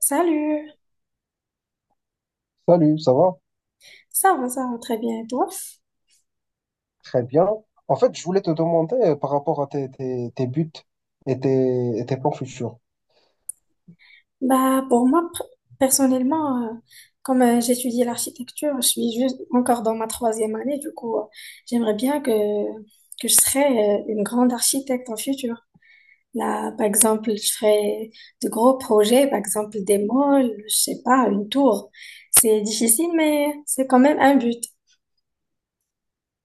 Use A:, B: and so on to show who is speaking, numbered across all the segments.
A: Salut,
B: Salut, ça va?
A: ça va très bien et toi?
B: Très bien. En fait, je voulais te demander par rapport à tes buts et tes plans futurs.
A: Bah pour moi personnellement, comme j'étudie l'architecture, je suis juste encore dans ma troisième année, du coup j'aimerais bien que je serais une grande architecte en futur. Là, par exemple, je ferais de gros projets, par exemple des malls, je sais pas, une tour. C'est difficile, mais c'est quand même un but.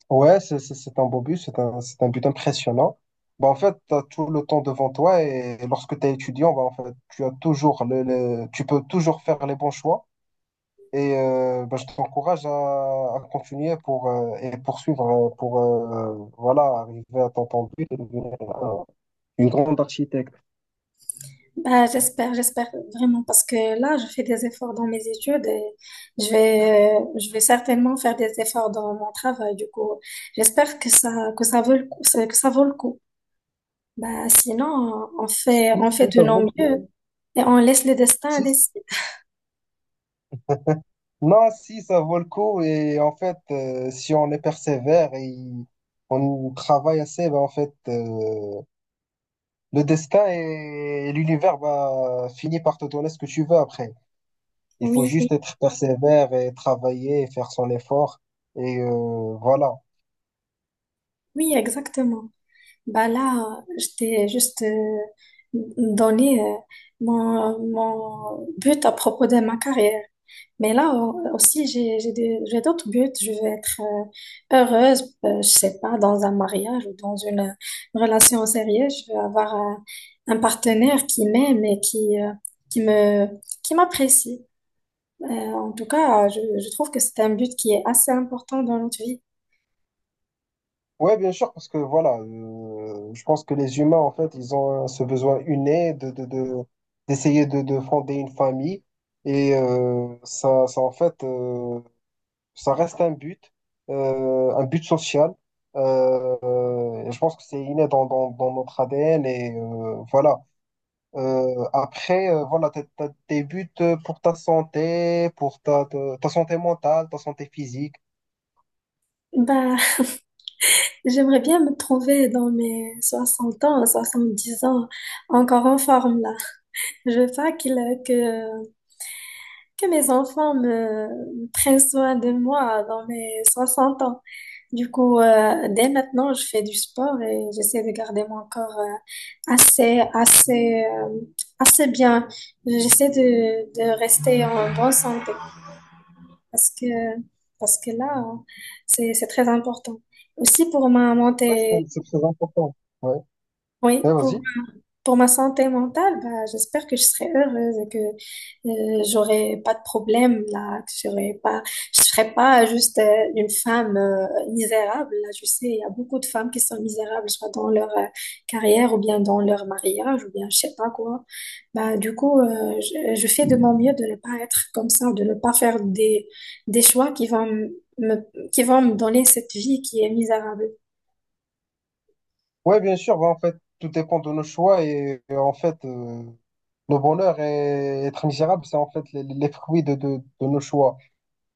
B: Ouais, c'est un beau but, c'est un but impressionnant. Bah, en fait, tu as tout le temps devant toi et, lorsque tu es étudiant, bah, en fait, tu as toujours tu peux toujours faire les bons choix. Et bah, je t'encourage à continuer pour, et poursuivre pour voilà, arriver à ton but et devenir une grande architecte.
A: Bah, j'espère, j'espère vraiment parce que là, je fais des efforts dans mes études et je vais certainement faire des efforts dans mon travail. Du coup, j'espère que ça vaut le coup, que ça vaut le coup. Bah, sinon, on fait,
B: Si,
A: on fait
B: si,
A: de
B: ça
A: nos
B: vaut le coup.
A: mieux et on laisse le destin
B: Si, si.
A: décider.
B: Non, si, ça vaut le coup. Et en fait, si on est persévère et on travaille assez, ben en fait, le destin et l'univers va finir par te donner ce que tu veux après. Il faut
A: Oui, oui,
B: juste être persévère et travailler, et faire son effort. Et voilà.
A: oui, exactement. Bah là, je t'ai juste donné mon but à propos de ma carrière. Mais là aussi, j'ai d'autres buts. Je veux être heureuse, je sais pas, dans un mariage ou dans une relation sérieuse. Je veux avoir un partenaire qui m'aime et qui me, qui m'apprécie. En tout cas, je trouve que c'est un but qui est assez important dans notre vie.
B: Ouais, bien sûr, parce que voilà, je pense que les humains, en fait, ils ont ce besoin inné d'essayer de fonder une famille. Et en fait, ça reste un but social. Et je pense que c'est inné dans notre ADN. Et voilà. Après, voilà, t'as tes buts pour ta santé, pour ta santé mentale, ta santé physique.
A: Bah, j'aimerais bien me trouver dans mes 60 ans, 70 ans, encore en forme là. Je veux pas que, que mes enfants me prennent soin de moi dans mes 60 ans. Du coup, dès maintenant, je fais du sport et j'essaie de garder mon corps assez bien. J'essaie de rester en bonne santé parce que, parce que là, hein, c'est très important. Aussi pour ma
B: Ouais,
A: montée,
B: c'est très important. Ouais,
A: oui,
B: ouais,
A: pour,
B: vas-y.
A: Pour ma santé mentale, bah, j'espère que je serai heureuse et que j'aurai pas de problème là, que j'aurai pas, je serai pas juste une femme misérable. Là, je sais, il y a beaucoup de femmes qui sont misérables, soit dans leur carrière ou bien dans leur mariage ou bien je sais pas quoi. Bah, du coup, je fais de mon mieux de ne pas être comme ça, de ne pas faire des choix qui vont qui vont me donner cette vie qui est misérable.
B: Ouais, bien sûr, bah, en fait, tout dépend de nos choix et en fait, le bonheur et être misérable, c'est en fait les fruits de nos choix.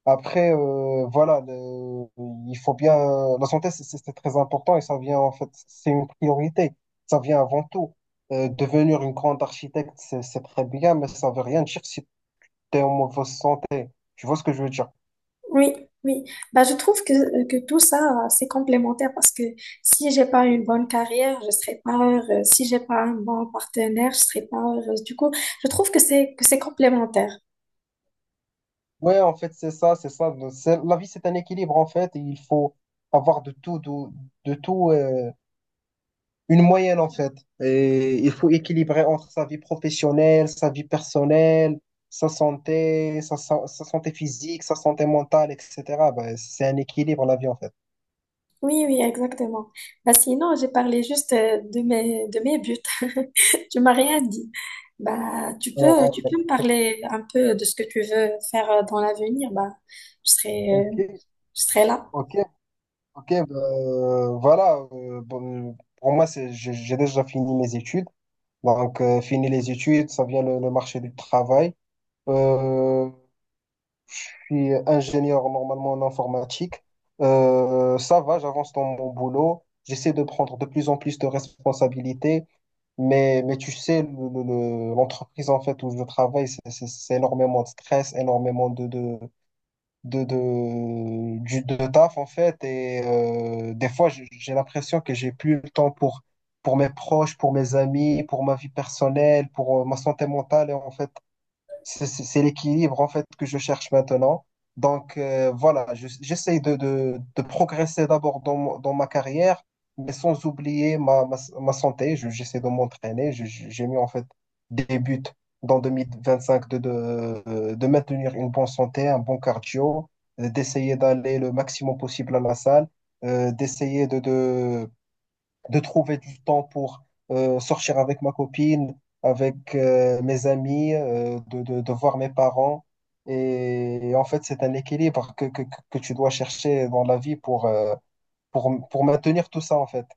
B: Après, voilà, il faut bien. La santé, c'est très important et ça vient en fait, c'est une priorité. Ça vient avant tout. Devenir une grande architecte, c'est très bien, mais ça veut rien dire si tu es en mauvaise santé. Tu vois ce que je veux dire?
A: Oui, oui. Bah, je trouve que tout ça, c'est complémentaire parce que si j'ai pas une bonne carrière, je serai pas heureuse. Si j'ai pas un bon partenaire, je serai pas heureuse. Du coup, je trouve que c'est complémentaire.
B: Ouais, en fait, c'est ça. La vie, c'est un équilibre en fait. Et il faut avoir de tout, de tout. Une moyenne, en fait. Et il faut équilibrer entre sa vie professionnelle, sa vie personnelle, sa santé, sa santé physique, sa santé mentale, etc. Ben, c'est un équilibre, la vie, en fait.
A: Oui, oui, exactement. Bah, sinon, j'ai parlé juste de mes buts. Tu m'as rien dit. Bah, tu peux, tu
B: Euh,
A: peux me parler un peu de ce que tu veux faire dans l'avenir. Bah, je serai, euh,
B: ok,
A: je serai là.
B: ok, ok. Ben, voilà. Bon, pour moi, c'est, j'ai déjà fini mes études. Donc, fini les études, ça vient le marché du travail. Euh, suis ingénieur normalement en informatique. Ça va, j'avance dans mon boulot. J'essaie de prendre de plus en plus de responsabilités. Mais tu sais, l'entreprise en fait où je travaille, c'est énormément de stress, énormément de taf en fait. Et des fois, j'ai l'impression que j'ai plus le temps pour mes proches, pour mes amis, pour ma vie personnelle, pour ma santé mentale. Et en fait, c'est l'équilibre en fait que je cherche maintenant. Donc voilà, j'essaie de progresser d'abord dans, dans ma carrière, mais sans oublier ma santé. J'essaie de m'entraîner. J'ai mis en fait des buts dans 2025 de maintenir une bonne santé, un bon cardio, d'essayer d'aller le maximum possible à la salle, d'essayer de trouver du temps pour sortir avec ma copine, avec mes amis, de voir mes parents. Et en fait, c'est un équilibre que tu dois chercher dans la vie pour, pour maintenir tout ça, en fait.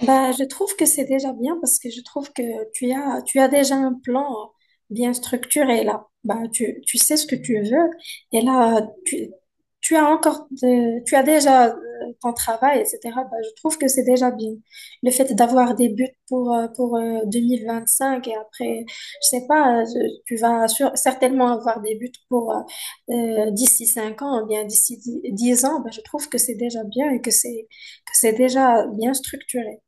A: Bah, je trouve que c'est déjà bien parce que je trouve que tu as déjà un plan bien structuré là. Bah, tu sais ce que tu veux et là, tu as déjà ton travail, etc. Bah, je trouve que c'est déjà bien. Le fait d'avoir des buts pour, 2025 et après, je sais pas, tu vas certainement avoir des buts pour d'ici 5 ans ou bien d'ici 10 ans. Bah, je trouve que c'est déjà bien et que c'est déjà bien structuré.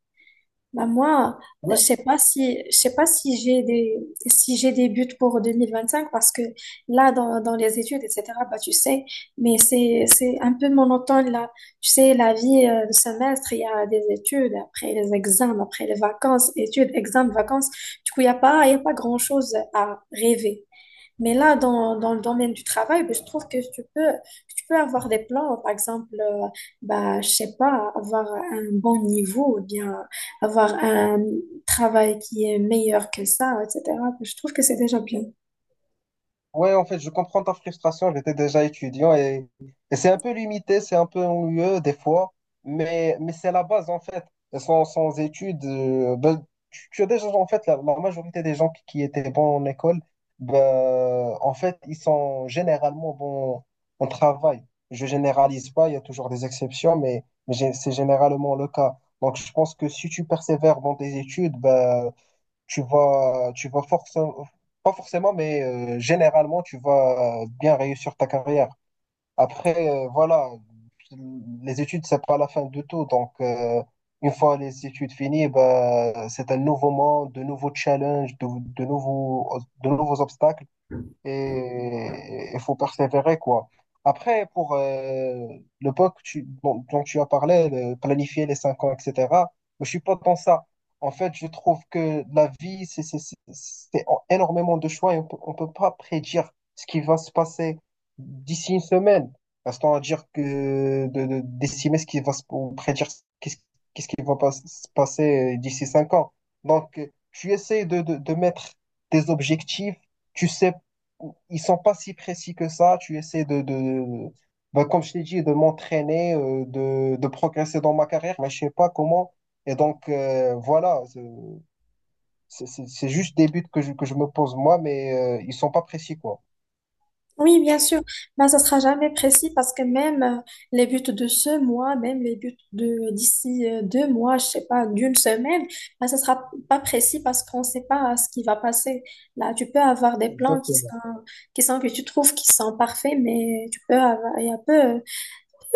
A: Bah moi,
B: Ouais,
A: je sais pas si j'ai des buts pour 2025 parce que là, dans les études, etc. Bah, tu sais, mais c'est un peu monotone là, tu sais, la vie de semestre, il y a des études, après les examens, après les vacances, études, examens, vacances. Du coup, il y a pas grand-chose à rêver. Mais là, dans le domaine du travail, ben, je trouve que tu peux avoir des plans, par exemple, bah, je sais pas, avoir un bon niveau, ou bien avoir un travail qui est meilleur que ça, etc. Ben, je trouve que c'est déjà bien.
B: ouais, en fait, je comprends ta frustration. J'étais déjà étudiant et c'est un peu limité, c'est un peu ennuyeux des fois, mais c'est la base en fait. Et sans études, ben, tu as déjà en fait la majorité des gens qui étaient bons en école, ben, en fait, ils sont généralement bons en travail. Je généralise pas, il y a toujours des exceptions, mais c'est généralement le cas. Donc, je pense que si tu persévères dans tes études, ben, tu vas forcément, pas forcément, mais généralement, tu vas bien réussir ta carrière. Après, voilà, les études, c'est pas la fin de tout. Donc, une fois les études finies, bah, c'est un nouveau monde, de nouveaux challenges, de nouveaux obstacles et il faut persévérer, quoi. Après, pour le POC tu, dont tu as parlé, planifier les cinq ans, etc., je suis pas dans ça. En fait, je trouve que la vie, c'est énormément de choix et on peut pas prédire ce qui va se passer d'ici une semaine. Restons à dire que d'estimer ce qui va se, ou prédire qu'est-ce qu'est-ce qui va pas se passer d'ici cinq ans. Donc, tu essaies de mettre des objectifs, tu sais ils sont pas si précis que ça. Tu essaies de ben, comme je t'ai dit, de m'entraîner, de progresser dans ma carrière, mais je sais pas comment. Et donc, voilà, c'est juste des buts que je me pose moi, mais ils sont pas précis, quoi.
A: Oui, bien sûr, mais ça sera jamais précis parce que même les buts de ce mois, même les buts de d'ici 2 mois, je sais pas, d'une semaine, ben, ça sera pas précis parce qu'on sait pas ce qui va passer. Là, tu peux avoir des plans
B: Exactement.
A: qui sont que tu trouves qui sont parfaits, mais tu peux avoir il y a peu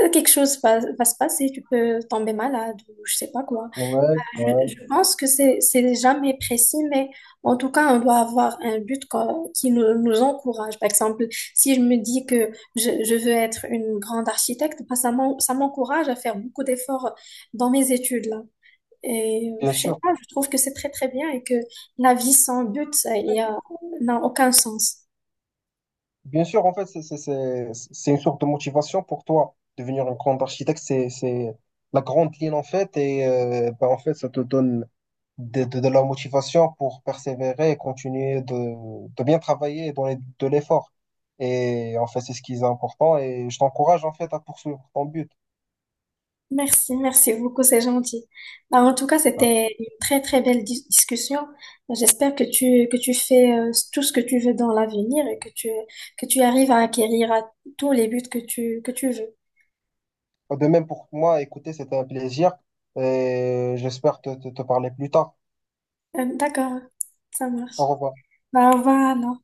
A: quelque chose va se passer, tu peux tomber malade ou je sais pas quoi.
B: Ouais,
A: Je
B: ouais,
A: je pense que c'est jamais précis, mais en tout cas, on doit avoir un but qui nous encourage. Par exemple, si je me dis que je veux être une grande architecte, bah, ça m'encourage à faire beaucoup d'efforts dans mes études là. Et
B: bien
A: je sais
B: sûr.
A: pas, je trouve que c'est très très bien et que la vie sans but, ça, n'a aucun sens.
B: Bien sûr, en fait, c'est une sorte de motivation pour toi. Devenir un grand architecte, c'est la grande ligne, en fait. Et ben, en fait, ça te donne de la motivation pour persévérer et continuer de bien travailler de l'effort. Et en fait, c'est ce qui est important. Et je t'encourage, en fait, à poursuivre ton but.
A: Merci, merci beaucoup, c'est gentil. Bah, en tout cas, c'était une très très belle discussion. J'espère que tu fais tout ce que tu veux dans l'avenir et que tu arrives à acquérir à tous les buts que tu veux.
B: De même pour moi, écoutez, c'était un plaisir. Et j'espère te parler plus tard.
A: D'accord, ça
B: Au
A: marche.
B: revoir.
A: Bah, au revoir.